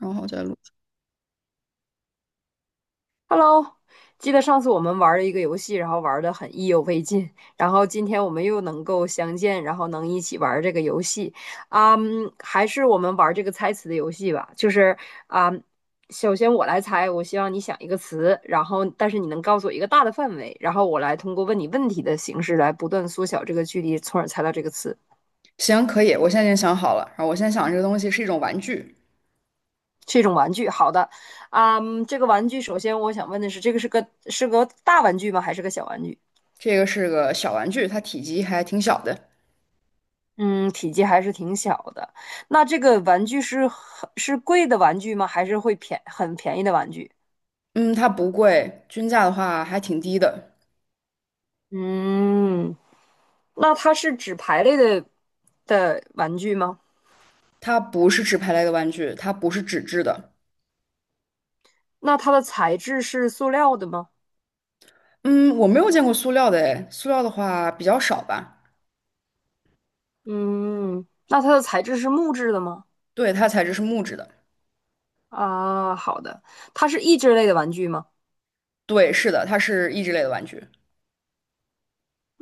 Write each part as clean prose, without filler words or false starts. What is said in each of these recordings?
然后再录。Hello，记得上次我们玩了一个游戏，然后玩的很意犹未尽，然后今天我们又能够相见，然后能一起玩这个游戏。还是我们玩这个猜词的游戏吧。就是啊、首先我来猜，我希望你想一个词，然后但是你能告诉我一个大的范围，然后我来通过问你问题的形式来不断缩小这个距离，从而猜到这个词。行，可以，我现在已经想好了。然后我现在想这个东西是一种玩具，是一种玩具，好的。啊、这个玩具首先我想问的是，这个是个大玩具吗？还是个小玩具？这个是个小玩具，它体积还挺小的。嗯，体积还是挺小的。那这个玩具是很是贵的玩具吗？还是会便很便宜的玩具？嗯，它不贵，均价的话还挺低的。嗯，那它是纸牌类的玩具吗？它不是纸牌类的玩具，它不是纸质的。那它的材质是塑料的吗？嗯，我没有见过塑料的诶，塑料的话比较少吧。嗯，那它的材质是木质的吗？对，它材质是木质的。啊，好的，它是益智类的玩具吗？对，是的，它是益智类的玩具。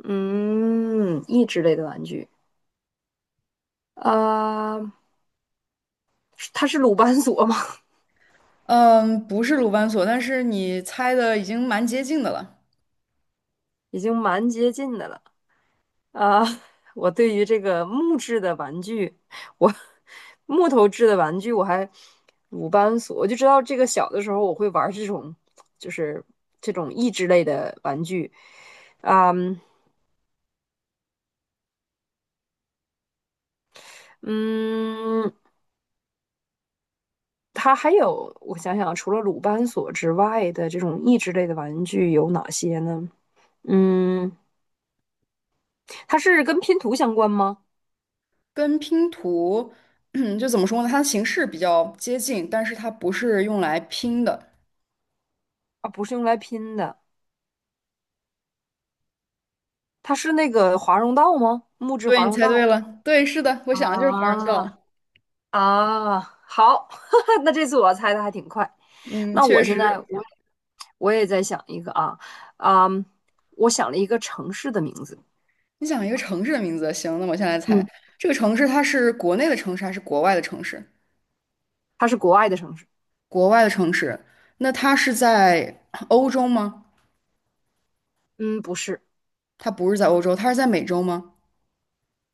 嗯，益智类的玩具。啊，它是鲁班锁吗？嗯，不是鲁班锁，但是你猜的已经蛮接近的了。已经蛮接近的了。啊，我对于这个木质的玩具，我木头制的玩具我还鲁班锁，我就知道这个小的时候我会玩这种，就是这种益智类的玩具。啊，嗯，它还有我想想啊，除了鲁班锁之外的这种益智类的玩具有哪些呢？嗯，它是跟拼图相关吗？跟拼图，就怎么说呢？它的形式比较接近，但是它不是用来拼的。啊，不是用来拼的，它是那个华容道吗？木质对，华你容猜对道。了，对，是的，我想的就是华容啊，道。啊，好，那这次我猜的还挺快。嗯，那我确现在实。我也在想一个啊。啊，我想了一个城市的名字。你想一个城市的名字，行，那我现在猜嗯，这个城市，它是国内的城市还是国外的城市？它是国外的城市。国外的城市，那它是在 欧洲吗？嗯，不是。它不是在欧洲，它是在美洲吗？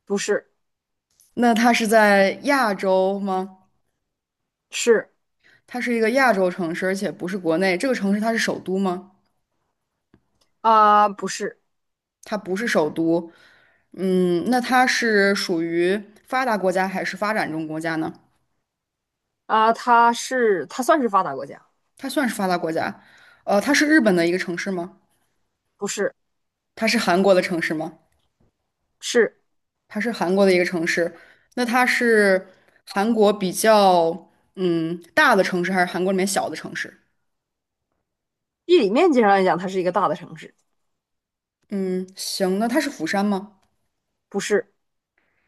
不是。那它是在亚洲吗？是它是一个亚洲城市，而且不是国内。这个城市它是首都吗？啊。不是它不是首都。那它是属于发达国家还是发展中国家呢？啊。它算是发达国家。它算是发达国家。它是日本的一个城市吗？不是。它是韩国的城市吗？是。它是韩国的一个城市。那它是韩国比较大的城市，还是韩国里面小的城市？地理面积上来讲，它是一个大的城市。嗯，行，那它是釜山吗？不是。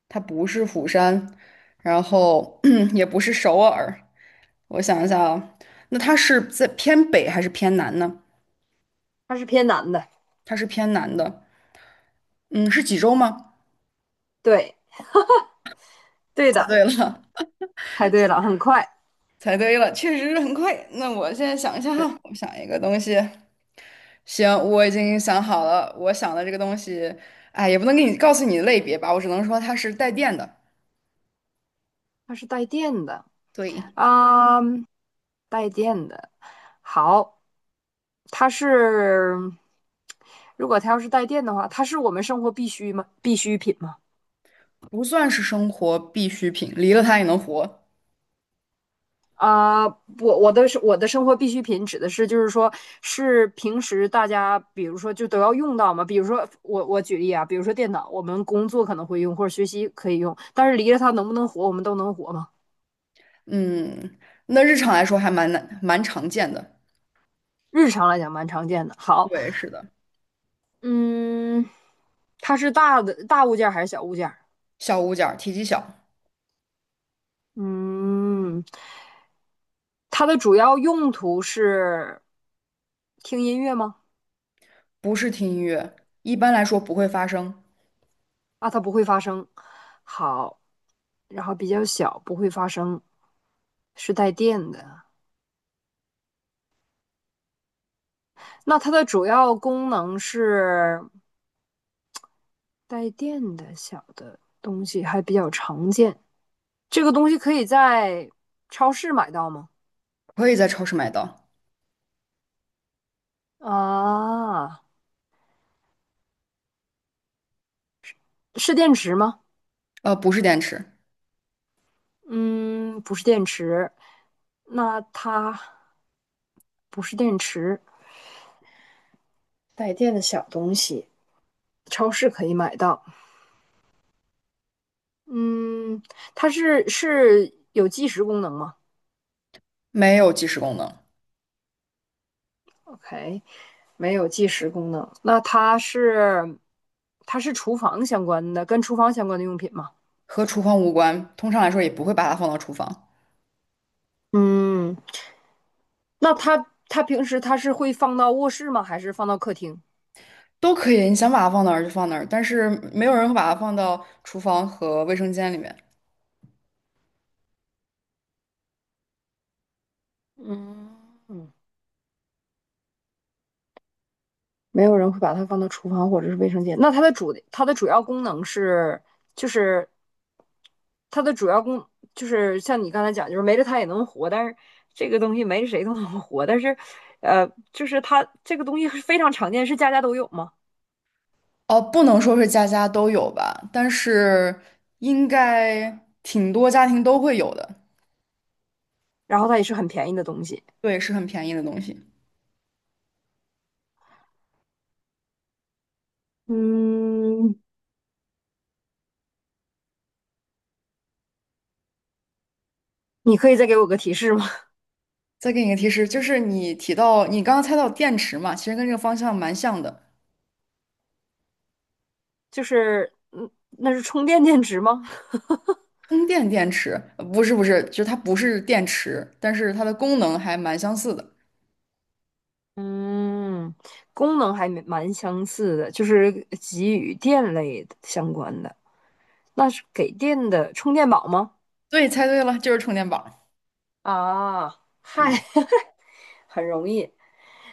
它不是釜山，然后 也不是首尔。我想一下啊，那它是在偏北还是偏南呢？它是偏南的。它是偏南的。嗯，是济州吗？对。对猜的。对了。猜对了，很快。猜对了，确实是很快。那我现在想一下哈，我想一个东西。行，我已经想好了，我想的这个东西，哎，也不能告诉你的类别吧，我只能说它是带电的，它是带电的。对，啊，带电的。好。它是，如果它要是带电的话，它是我们生活必须吗？必需品吗？不算是生活必需品，离了它也能活。啊，我的是我的生活必需品指的是就是说是平时大家比如说就都要用到嘛，比如说我举例啊，比如说电脑，我们工作可能会用或者学习可以用，但是离了它能不能活，我们都能活吗？嗯，那日常来说还蛮难，蛮常见的。日常来讲蛮常见的。好。对，是的，嗯，它是大物件还是小物件？小物件儿，体积小，嗯，它的主要用途是听音乐吗？不是听音乐，一般来说不会发声，啊，它不会发声。好。然后比较小，不会发声，是带电的。那它的主要功能是带电的小的东西，还比较常见。这个东西可以在超市买到吗？可以在超市买到。啊，是电池吗？不是电池，嗯，不是电池。那它不是电池。带电的小东西，超市可以买到。嗯，它是有计时功能吗没有计时功能。？OK,没有计时功能。那它是厨房相关的，跟厨房相关的用品吗？和厨房无关，通常来说也不会把它放到厨房，嗯，那它平时它是会放到卧室吗？还是放到客厅？都可以，你想把它放哪儿就放哪儿，但是没有人会把它放到厨房和卫生间里面。嗯。嗯。没有人会把它放到厨房或者是卫生间。那它的主要功能是，就是它的主要功就是像你刚才讲，就是没了它也能活，但是这个东西没着谁都能活。但是，就是它这个东西是非常常见，是家家都有嘛。哦，不能说是家家都有吧，但是应该挺多家庭都会有的。然后它也是很便宜的东西。对，是很便宜的东西。嗯，你可以再给我个提示吗？再给你一个提示，就是你提到你刚刚猜到电池嘛，其实跟这个方向蛮像的。就是那是充电电池吗？充电电池，不是，就是它不是电池，但是它的功能还蛮相似的。嗯，功能还蛮相似的，就是给予电类的相关的。那是给电的充电宝吗？对，猜对了，就是充电宝。啊，嗨。嗯，很容易。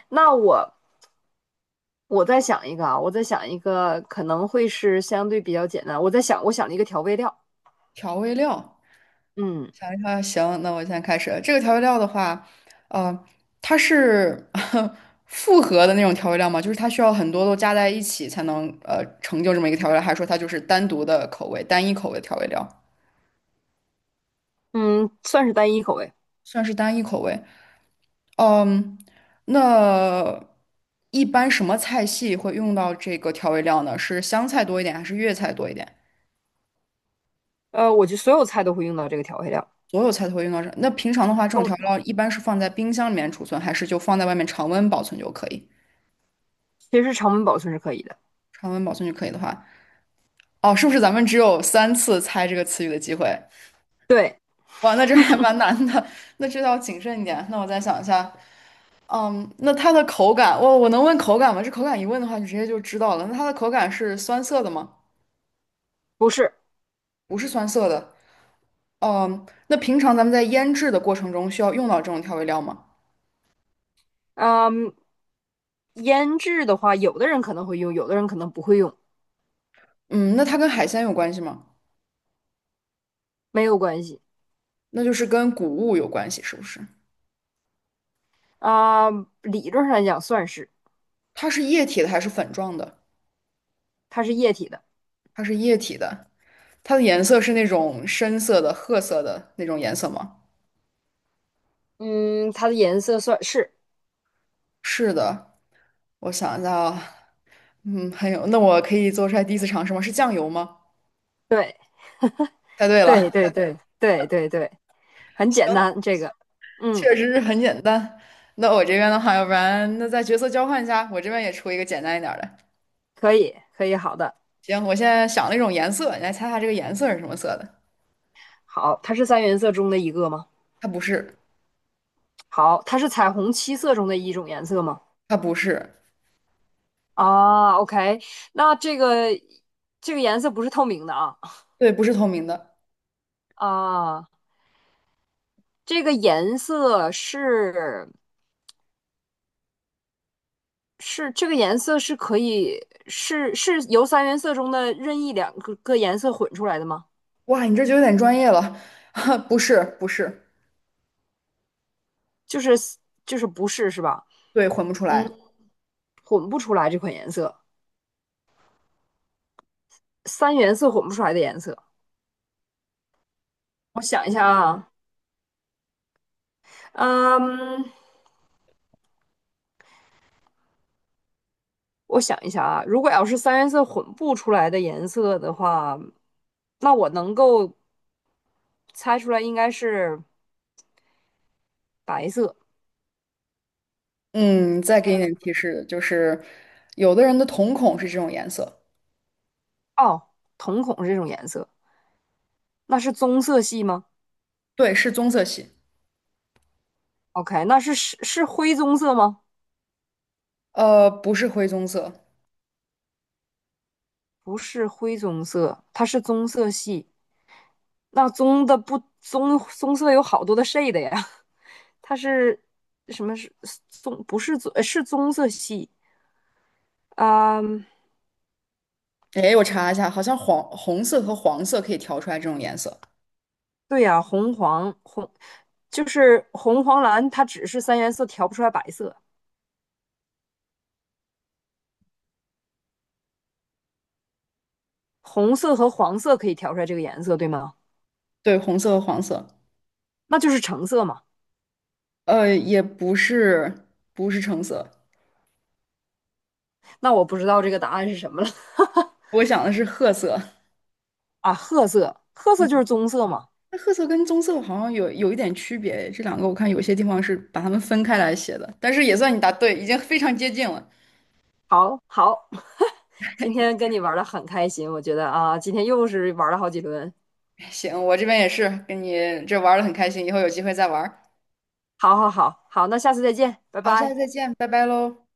那我再想一个啊，我再想一个，可能会是相对比较简单。我在想，我想了一个调味料。调味料。嗯。想一下，行，那我现在开始。这个调味料的话，呃，它是 复合的那种调味料吗？就是它需要很多都加在一起才能成就这么一个调味料，还是说它就是单独的口味、单一口味的调味料？嗯，算是单一口味。算是单一口味。嗯，那一般什么菜系会用到这个调味料呢？是湘菜多一点，还是粤菜多一点？我觉得所有菜都会用到这个调味料。所有菜都会用到这。那平常的话，这种调味用料一般是放在冰箱里面储存，还是就放在外面常温保存就可以？其实常温保存是可以的。常温保存就可以的话。哦，是不是咱们只有三次猜这个词语的机会？对。哇，那这还蛮难的，那这要谨慎一点。那我再想一下，那它的口感，我能问口感吗？这口感一问的话，你直接就知道了。那它的口感是酸涩的吗？不是。不是酸涩的。那平常咱们在腌制的过程中需要用到这种调味料吗？嗯，腌制的话，有的人可能会用，有的人可能不会用。嗯，那它跟海鲜有关系吗？没有关系。那就是跟谷物有关系，是不是？理论上来讲，算是。它是液体的还是粉状的？它是液体的。它是液体的，它的颜色是那种深色的、褐色的那种颜色吗？嗯，它的颜色算是。是的。我想一下啊，还有，那我可以做出来第一次尝试吗？是酱油吗？对，猜对对，了，对，对，对，对，对，很简行，单，这个。嗯，确实是很简单。那我这边的话，要不然那再角色交换一下，我这边也出一个简单一点儿的。可以，可以，好的。行，我现在想了一种颜色，你来猜猜这个颜色是什么色的？好，它是三原色中的一个吗？它不是，好，它是彩虹七色中的一种颜色吗？它不是，啊，OK。那这个颜色不是透明的啊。对，不是透明的。啊，这个颜色是，是这个颜色是可以是是由三原色中的任意两个颜色混出来的吗？哇，你这就有点专业了，不是，不是，就是，不是，是吧？对，混不出来。嗯，混不出来这款颜色，三原色混不出来的颜色。我想一下啊。嗯，我想一下啊，如果要是三原色混不出来的颜色的话，那我能够猜出来应该是白色。嗯，再给你点提示，就是有的人的瞳孔是这种颜色，哦，瞳孔是这种颜色，那是棕色系吗对，是棕色系，？OK,那是灰棕色吗？不是灰棕色。不是灰棕色，它是棕色系。那棕的不棕棕色有好多的 shade 呀，它是什么是棕？不是棕，是棕色系。啊、哎，我查一下，好像黄红色和黄色可以调出来这种颜色。对呀。红黄红就是红黄蓝，它只是三原色调不出来白色，红色和黄色可以调出来这个颜色，对吗？对，红色和黄色，那就是橙色嘛。也不是橙色，那我不知道这个答案是什么了。 我想的是褐色。啊，褐色，褐色就嗯，是棕色嘛。那褐色跟棕色好像有一点区别，这两个我看有些地方是把它们分开来写的，但是也算你答对，已经非常接近了。好好。今天跟你玩的很开心，我觉得啊，今天又是玩了好几轮。哎行，我这边也是跟你这玩的很开心，以后有机会再玩儿好好好好，那下次再见，拜好，下次拜。再见，拜拜喽。